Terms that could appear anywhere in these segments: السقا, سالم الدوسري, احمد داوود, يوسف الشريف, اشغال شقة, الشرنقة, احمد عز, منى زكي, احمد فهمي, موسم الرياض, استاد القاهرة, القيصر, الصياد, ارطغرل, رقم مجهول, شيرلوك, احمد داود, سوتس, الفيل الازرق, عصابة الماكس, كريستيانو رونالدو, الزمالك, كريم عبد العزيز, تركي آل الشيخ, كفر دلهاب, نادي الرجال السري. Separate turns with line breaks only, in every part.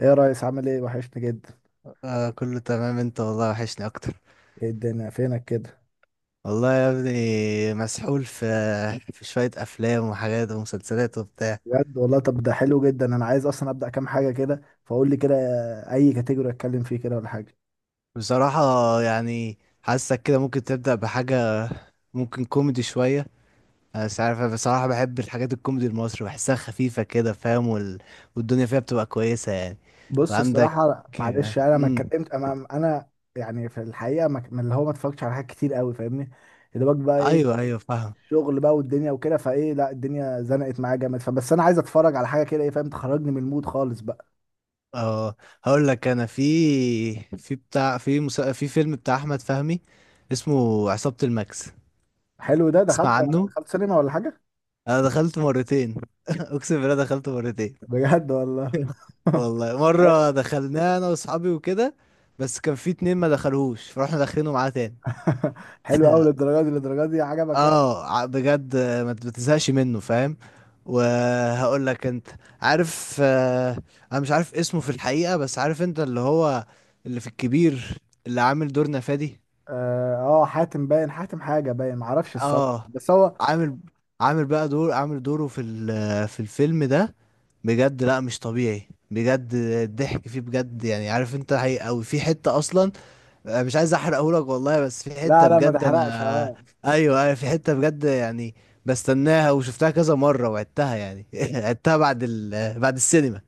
ايه يا ريس، عامل ايه؟ وحشني جدا.
آه، كله تمام. انت والله وحشني اكتر.
ايه الدنيا فينك كده؟
والله يا ابني مسحول في شوية افلام وحاجات ومسلسلات وبتاع.
بجد والله. طب ده حلو جدا، انا عايز اصلا ابدا كام حاجه كده، فقول لي كده اي كاتيجوري اتكلم فيه كده ولا حاجه.
بصراحة يعني حاسك كده ممكن تبدأ بحاجة. ممكن كوميدي شوية. انا مش عارف، انا بصراحة بحب الحاجات الكوميدي المصري، بحسها خفيفة كده، فاهم؟ والدنيا فيها بتبقى كويسة يعني.
بص
وعندك.
الصراحه، معلش يعني انا ما
امم
اتكلمت، انا يعني في الحقيقه من اللي هو ما اتفرجتش على حاجات كتير قوي فاهمني، يا دوبك بقى ايه،
ايوه ايوه، فاهم.
شغل بقى والدنيا وكده. فايه، لا الدنيا زنقت معايا جامد، فبس انا عايز اتفرج على حاجه كده ايه فاهم، تخرجني من المود خالص بقى.
اه هقول لك. انا في في بتاع، في فيلم بتاع احمد فهمي، اسمه عصابة الماكس.
حلو ده. دخلت،
تسمع عنه؟
دخلت سينما ولا حاجه؟
انا دخلت مرتين. اقسم بالله دخلت مرتين.
بجد والله.
والله مرة دخلناه انا واصحابي وكده، بس كان في اتنين ما دخلوش فروحنا داخلينه معاه تاني.
حلو قوي للدرجه دي للدرجه دي؟ عجبك يعني.
بجد، ما بتزهقش منه، فاهم؟ وهقول لك انت، عارف، انا مش عارف اسمه في الحقيقة، بس عارف انت اللي هو اللي في الكبير، اللي عامل دور نفادي.
اه. آه، حاتم باين، حاتم حاجه باين، معرفش الصراحه
اه
بس هو.
عامل عامل بقى دور، عامل دوره في الفيلم ده، بجد لا مش طبيعي، بجد الضحك فيه بجد يعني، عارف انت، حقيقي قوي في حتة اصلا. أنا مش عايز احرقهولك والله، بس في
لا
حتة
لا ما
بجد
تحرقش،
انا
اه.
ايوه ايوه، في حتة بجد يعني، بستناها وشفتها كذا مرة وعدتها يعني. عدتها بعد السينما،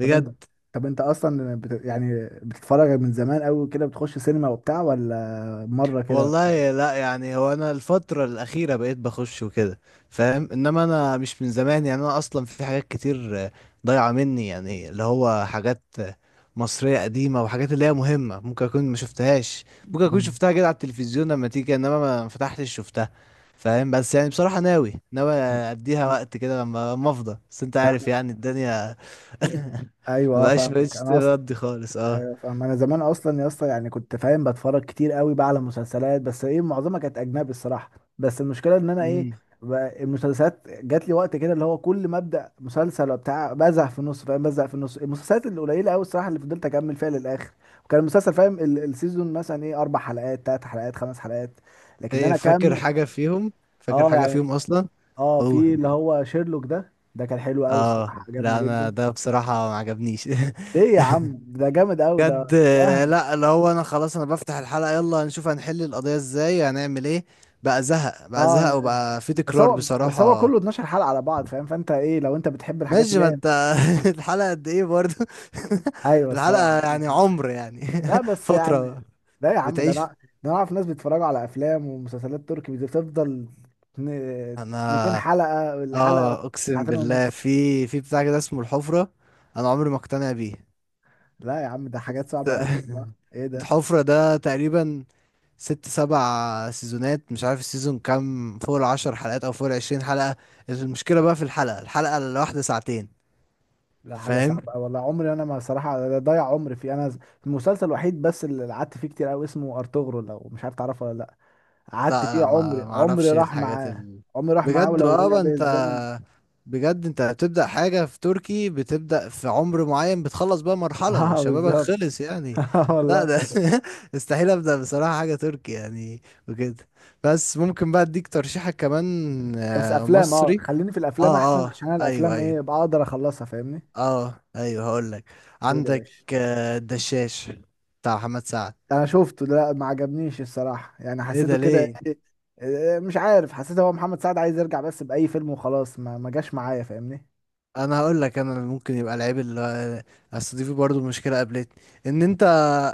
طب انت. طب انت اصلا يعني بتتفرج من زمان قوي كده؟ بتخش سينما وبتاع ولا مره كده؟
والله لا، يعني هو انا الفترة الأخيرة بقيت بخش وكده، فاهم؟ انما انا مش من زمان يعني، انا اصلا في حاجات كتير ضايعة مني، يعني اللي هو حاجات مصرية قديمة، وحاجات اللي هي مهمة ممكن اكون ما شفتهاش. ممكن اكون
مم.
شفتها كده على التلفزيون لما تيجي، انما ما فتحتش شفتها، فاهم؟ بس يعني بصراحة، ناوي اديها وقت كده لما افضى، بس انت
لا.
عارف يعني الدنيا.
ايوه، اه فاهمك
بقتش
انا.
تردي خالص، اه.
ايوه فاهم انا، زمان اصلا يا اسطى يعني كنت فاهم بتفرج كتير قوي بقى على مسلسلات، بس ايه معظمها كانت اجنبي الصراحه. بس المشكله ان انا ايه،
امم
بقى المسلسلات جات لي وقت كده اللي هو كل ما ابدا مسلسل وبتاع بزهق في النص، فاهم، بزهق في النص. المسلسلات القليله قوي الصراحه اللي فضلت اكمل فيها للاخر، وكان المسلسل فاهم السيزون مثلا ايه اربع حلقات، ثلاث حلقات، خمس حلقات. لكن
ايه،
انا
فاكر
كام،
حاجة فيهم، فاكر
اه
حاجة
يعني.
فيهم اصلا؟
اه
هو
في اللي هو شيرلوك ده كان حلو قوي الصراحه،
اه
عجبني
لا، انا
جدا.
ده بصراحة ما عجبنيش.
ليه يا عم؟ ده جامد قوي
بجد،
ده، وهم.
لا اللي هو انا خلاص، انا بفتح الحلقة يلا نشوف هنحل القضية ازاي، هنعمل ايه. بقى زهق بقى
اه
زهق وبقى في
بس
تكرار
هو بس هو
بصراحة.
كله 12 حلقة على بعض فاهم، فانت ايه لو انت بتحب الحاجات
ماشي،
اللي
ما
هي.
انت. الحلقة قد ايه برضو؟
ايوه الصراحة
الحلقة
عندك
يعني
حق.
عمر يعني.
لا بس يعني.
فترة
لا يا عم، ده
بتعيش.
انا، ده انا اعرف ناس بيتفرجوا على افلام ومسلسلات تركي بتفضل. اتن- 200
انا
حلقة الحلقة،
اه اقسم
ساعتين
بالله،
ونص.
في بتاع كده اسمه الحفرة، انا عمري ما اقتنع بيه.
لا يا عم ده حاجات صعبة قوي والله، ايه ده.
الحفرة ده تقريبا ست سبع سيزونات، مش عارف السيزون كام، فوق العشر حلقات او فوق العشرين حلقة. المشكلة بقى في الحلقة الواحدة ساعتين،
لا حاجة صعبة
فاهم؟
قوي والله، عمري انا ما صراحة ده ضيع عمري فيه انا. المسلسل الوحيد بس اللي قعدت فيه كتير قوي اسمه ارطغرل، لو مش عارف تعرفه ولا لا. قعدت
لا
فيه،
لا،
عمري
ما
عمري
اعرفش
راح
الحاجات
معاه،
ال...
عمري راح معاه،
بجد،
ولو رجع
بقى
بيا
انت
الزمن.
بجد انت بتبدأ حاجة في تركي، بتبدأ في عمر معين بتخلص بقى مرحلة
اه
شبابك،
بالظبط.
خلص يعني.
آه
لا
والله.
ده استحيل ابدأ بصراحة حاجة تركي يعني وكده. بس ممكن بقى اديك ترشيحك كمان
بس افلام، اه
مصري.
خليني في الافلام
اه،
احسن،
اه،
عشان انا
ايوه
الافلام ايه
ايوه،
بقدر اخلصها فاهمني.
اه ايوه، هقول لك.
قول يا
عندك
باشا.
الدشاش بتاع محمد سعد.
انا شفته ده، لا ما عجبنيش الصراحه، يعني
ايه
حسيته
ده
كده
ليه؟
إيه، إيه مش عارف. حسيت هو محمد سعد عايز يرجع بس باي فيلم وخلاص، ما جاش معايا فاهمني.
انا هقول لك. انا اللي ممكن يبقى العيب، اللي اصل دي برضه مشكله قابلتني ان انت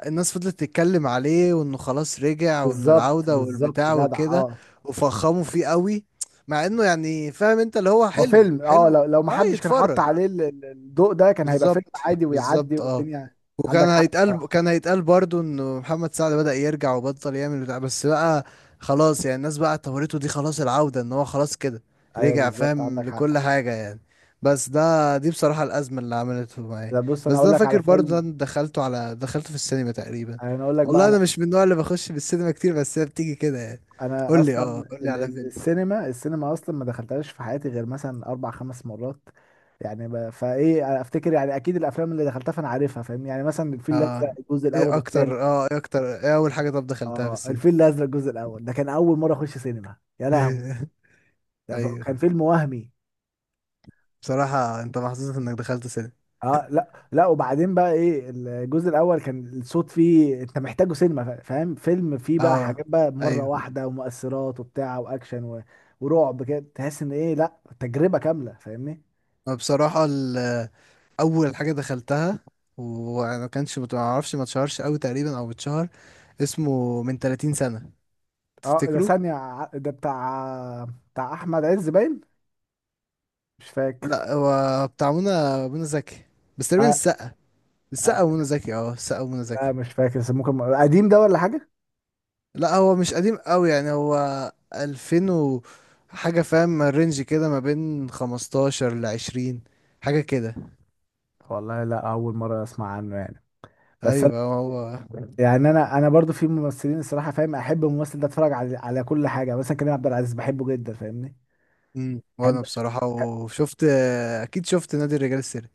الناس فضلت تتكلم عليه، وانه خلاص رجع، وانه
بالظبط
العوده
بالظبط،
والبتاع
جدع
وكده،
اه.
وفخموا فيه قوي، مع انه يعني، فاهم انت، اللي هو
هو
حلو
فيلم، اه
حلو.
لو ما
اه،
حدش كان حط
يتفرج،
عليه الضوء ده، كان هيبقى فيلم
بالظبط
عادي ويعدي
بالظبط، اه.
والدنيا.
وكان
عندك حق
هيتقال
الصراحه.
كان هيتقال برضو انه محمد سعد بدأ يرجع وبطل يعمل بتاع، بس بقى خلاص يعني، الناس بقى اعتبرته دي خلاص العودة، ان هو خلاص كده
ايوه
رجع،
بالظبط
فاهم،
عندك حق.
لكل حاجة يعني. بس دي بصراحة الأزمة اللي عملته معايا.
لا بص، انا
بس ده
هقول
أنا
لك على
فاكر برضو، ده
فيلم.
انا دخلته في السينما تقريبا.
انا هقول لك بقى
والله انا
انا،
مش من النوع اللي بخش في السينما كتير، بس هي بتيجي كده يعني.
انا
قول لي،
اصلا
قول لي
ال
على
ال
فيلم.
السينما اصلا ما دخلتهاش في حياتي غير مثلا اربع خمس مرات. فايه افتكر، يعني اكيد الافلام اللي دخلتها فانا عارفها فاهم، يعني مثلا الفيل الازرق
اه
الجزء الاول
ايه
والثاني.
اكتر اه ايه اكتر ايه اول حاجة طب دخلتها في
اه الفيل
السينما؟
الازرق الجزء الاول، ده كان اول مره اخش سينما، يا لهوي.
ايوه.
كان فيلم وهمي.
بصراحة انت محظوظ انك دخلت سينما.
اه لا لا، وبعدين بقى ايه، الجزء الاول كان الصوت فيه انت محتاجه سينما، فاهم، فيلم فيه بقى
اه
حاجات بقى مره
ايوه.
واحده، ومؤثرات وبتاع واكشن و... ورعب كده، تحس ان ايه لا تجربه كامله فاهمني.
ما بصراحة اول حاجة دخلتها، وما كانش، ما اعرفش، ما اتشهرش قوي تقريبا او اتشهر، اسمه من 30 سنة،
اه ده
تفتكروا؟
ثانيه، ده بتاع احمد عز باين، مش فاكر.
لا هو بتاع منى زكي. بس تقريبا
آه.
السقا
آه.
ومنى زكي. اه، السقا ومنى زكي.
لا مش فاكر، بس ممكن قديم ده ولا حاجه.
لا هو مش قديم قوي يعني، هو 2000 و حاجة، فاهم؟ رينج كده ما بين 15 ل 20 حاجة كده.
والله لا، اول مره اسمع عنه يعني. بس انا،
ايوه هو.
يعني انا برضو في ممثلين الصراحه فاهم، احب الممثل ده اتفرج على كل حاجه، مثلا كريم عبد العزيز بحبه جدا فاهمني.
وانا
بحب أش-
بصراحة وشفت، اكيد شفت، نادي الرجال السري.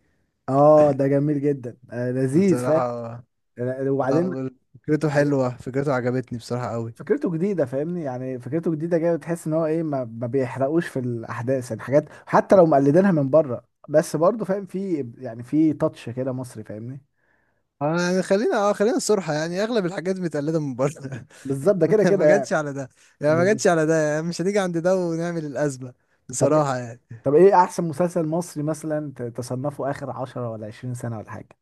اه ده جميل جدا، آه لذيذ فاهم.
بصراحة
آه، وبعدين،
آه، فكرته
بعدين
حلوة، فكرته عجبتني بصراحة قوي.
فكرته جديده فاهمني، يعني فكرته جديده جايه وتحس ان هو ايه ما بيحرقوش في الاحداث، يعني حاجات حتى لو مقلدينها من بره بس برضه فاهم في يعني في تاتش كده مصري فاهمني.
يعني خلينا، خلينا الصراحة، يعني اغلب الحاجات متقلدة من بره.
بالظبط، ده كده
ما
كده
جاتش
يعني.
على ده يعني، ما جاتش
بالظبط.
على ده يعني، مش هنيجي عند ده ونعمل الأزمة.
طب
بصراحة يعني،
طب ايه احسن مسلسل مصري مثلا تصنفه اخر 10 ولا 20 سنه ولا حاجه؟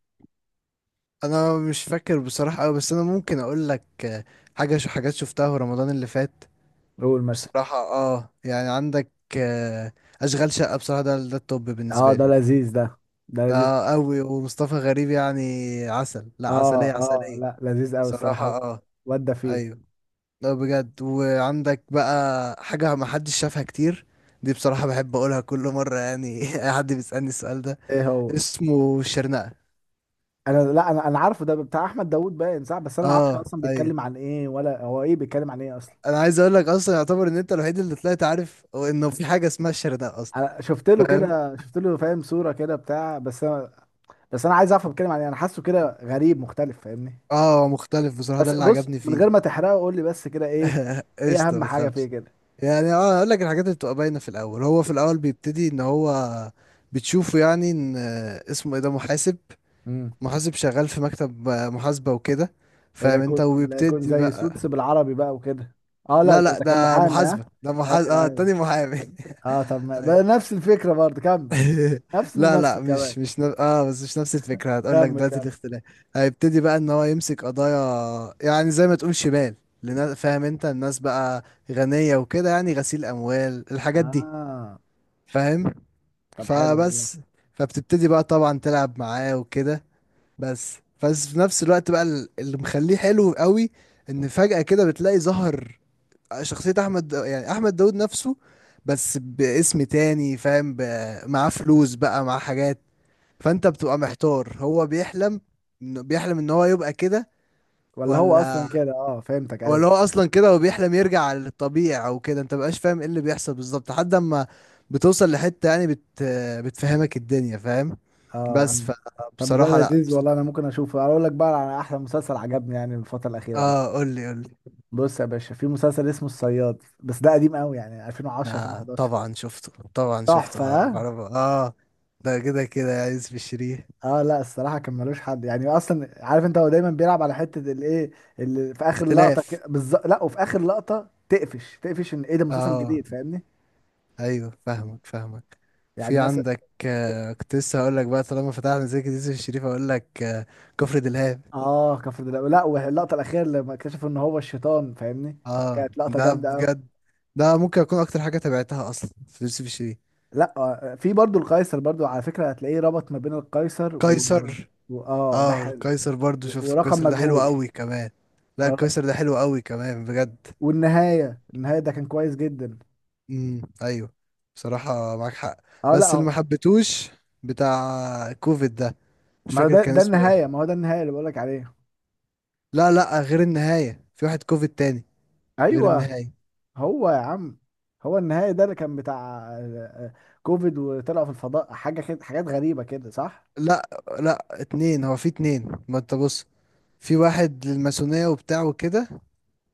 انا مش فاكر بصراحة قوي، بس انا ممكن اقول لك حاجة شو حاجات شفتها في رمضان اللي فات.
قول مثلا.
بصراحة يعني عندك آه، اشغال شقة. بصراحة ده التوب
اه
بالنسبة
ده
لي.
لذيذ ده، ده لذيذ.
اه قوي، ومصطفى غريب يعني، عسل لا عسلية
اه. اه
عسلية.
لا لذيذ قوي الصراحه.
صراحة اه،
ودى فيه.
ايوه. لا بجد، وعندك بقى حاجة ما حدش شافها كتير، دي بصراحة بحب اقولها كل مرة يعني اي حد بيسألني السؤال ده.
ايه هو؟
اسمه الشرنقة.
انا، لا انا عارفه ده بتاع احمد داوود باين صح، بس انا ما اعرفش
اه
اصلا
ايوه.
بيتكلم عن ايه، ولا هو ايه بيتكلم عن ايه اصلا.
انا عايز اقول لك، اصلا يعتبر ان انت الوحيد اللي طلعت عارف انه في حاجة اسمها الشرنقة اصلا.
انا شفت له
فاهم،
كده، شفت له فاهم صوره كده بتاع، بس انا، بس انا عايز اعرف هو بيتكلم عن ايه، انا حاسه كده غريب مختلف فاهمني.
اه مختلف بصراحة، ده
بس
اللي
بص،
عجبني
من
فيه.
غير ما تحرقه قول لي بس كده ايه، ايه
قشطة،
اهم
ما
حاجه فيه
تخافش
كده.
يعني. اه اقول لك الحاجات اللي بتبقى باينه في الاول. هو في الاول بيبتدي ان هو بتشوفه، يعني ان اسمه ايه ده، محاسب.
امم
محاسب شغال في مكتب محاسبه وكده،
لا
فاهم انت؟
يكون لا يكون
وبيبتدي
زي سوتس
بقى.
بالعربي بقى وكده. اه لا
لا
ده
لا،
ده كان محامي، ها؟
ده محاسب،
ايوه
اه، التاني
ايوه.
محامي.
اه طب ما بقى
أي.
نفس الفكره برضه، كمل. نفس
لا
الممثل
لا،
كمان.
مش نف... اه بس مش نفس الفكره، هتقول لك
كمل
دلوقتي
كمل.
الاختلاف. هيبتدي بقى ان هو يمسك قضايا، يعني زي ما تقول شمال فاهم انت، الناس بقى غنيه وكده، يعني غسيل اموال، الحاجات دي،
اه
فاهم؟
طب حلو والله.
فبس فبتبتدي بقى طبعا تلعب معاه وكده. بس بس في نفس الوقت بقى اللي مخليه حلو قوي، ان فجأة كده بتلاقي ظهر شخصية يعني احمد داود نفسه، بس باسم تاني، فاهم، معاه فلوس بقى، معاه حاجات، فانت بتبقى محتار، هو بيحلم بيحلم ان هو يبقى كده،
ولا هو
ولا
اصلا كده، اه فهمتك، ايوه.
ولا هو اصلا كده، هو بيحلم يرجع للطبيعي او كده، انت مبقاش فاهم ايه اللي بيحصل بالظبط لحد اما بتوصل لحتة يعني، بتفهمك الدنيا، فاهم؟
اه
بس
عن. طب ده
فبصراحة، لا
لذيذ والله، انا ممكن اشوفه. اقول لك بقى على احلى مسلسل عجبني يعني الفتره الاخيره دي.
اه، قول لي قول لي.
بص يا باشا، في مسلسل اسمه الصياد، بس ده قديم قوي يعني 2010،
آه
2011.
طبعا شفته، طبعا شفته،
تحفه اه.
بعرف، اه. ده كده كده يا يوسف الشريف.
آه، لا الصراحه كان ملوش حد، يعني اصلا عارف انت هو دايما بيلعب على حته الايه، اللي في اخر لقطه
اختلاف.
كده بالظبط. لا، وفي اخر لقطه تقفش تقفش ان ايه ده مسلسل
اه
جديد فاهمني.
ايوه، فاهمك فاهمك.
يعني
في
مثلا.
عندك، كنت لسه هقول لك بقى، طالما فتحنا زي كده يوسف الشريف هقول لك، كفر دلهاب.
اه كفر دلوقتي، لا واللقطه الاخيره لما اكتشفوا ان هو الشيطان فاهمني،
اه
كانت لقطه
ده
جامده قوي.
بجد، ده ممكن اكون اكتر حاجه تابعتها اصلا في يوسف الشريف.
لا آه، في برضو القيصر برضو، على فكرة هتلاقيه ربط ما بين القيصر و،
قيصر
و، اه
اه القيصر برضو شفت
ورقم
القيصر، ده حلو
مجهول.
قوي كمان. لا
آه.
القيصر ده حلو قوي كمان بجد.
والنهاية، النهاية ده كان كويس جدا.
ايوه. بصراحه معاك حق.
اه لا
بس اللي ما
هو،
حبيتهوش بتاع كوفيد ده، مش
ما هو
فاكر
ده
كان اسمه
النهاية،
ايه.
اللي بقولك عليه.
لا لا، غير النهايه، في واحد كوفيد تاني غير
ايوه،
النهايه.
هو يا عم، هو النهاية ده اللي كان بتاع آه، آه، كوفيد، وطلعوا في الفضاء حاجة كده، حاجات غريبة كده، صح.
لا لا اتنين، هو في اتنين، ما انت بص، في واحد للماسونية وبتاع وكده،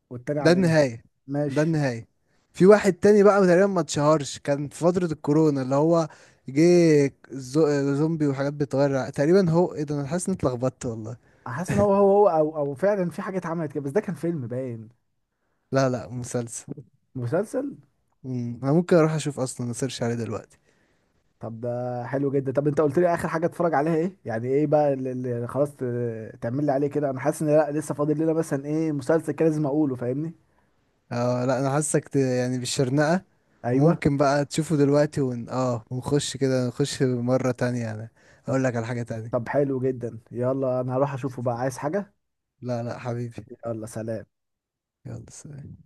والتاني
ده
عن ايه؟
النهاية، ده
ماشي.
النهاية. في واحد تاني بقى تقريبا ما اتشهرش، كان في فترة الكورونا، اللي هو جه زومبي وحاجات بتغير، تقريبا، هو ايه ده، انا حاسس اني اتلخبطت والله.
حاسس ان هو او فعلا في حاجة اتعملت كده، بس ده كان فيلم باين.
لا لا مسلسل.
مسلسل.
انا ممكن اروح اشوف اصلا، اسيرش عليه دلوقتي.
طب ده حلو جدا. طب انت قلت لي اخر حاجه اتفرج عليها ايه، يعني ايه بقى اللي خلاص تعمل لي عليه كده، انا حاسس ان لا لسه فاضل لنا مثلا ايه مسلسل كده لازم اقوله فاهمني.
اه لا، انا حاسك يعني بالشرنقة،
ايوه.
وممكن بقى تشوفه دلوقتي، ون... اه ونخش كده نخش مرة تانية. انا
طب.
اقول لك على حاجة
طب
تانية.
حلو جدا، يلا انا هروح اشوفه بقى، عايز حاجه.
لا لا حبيبي،
يلا سلام.
يلا سلام.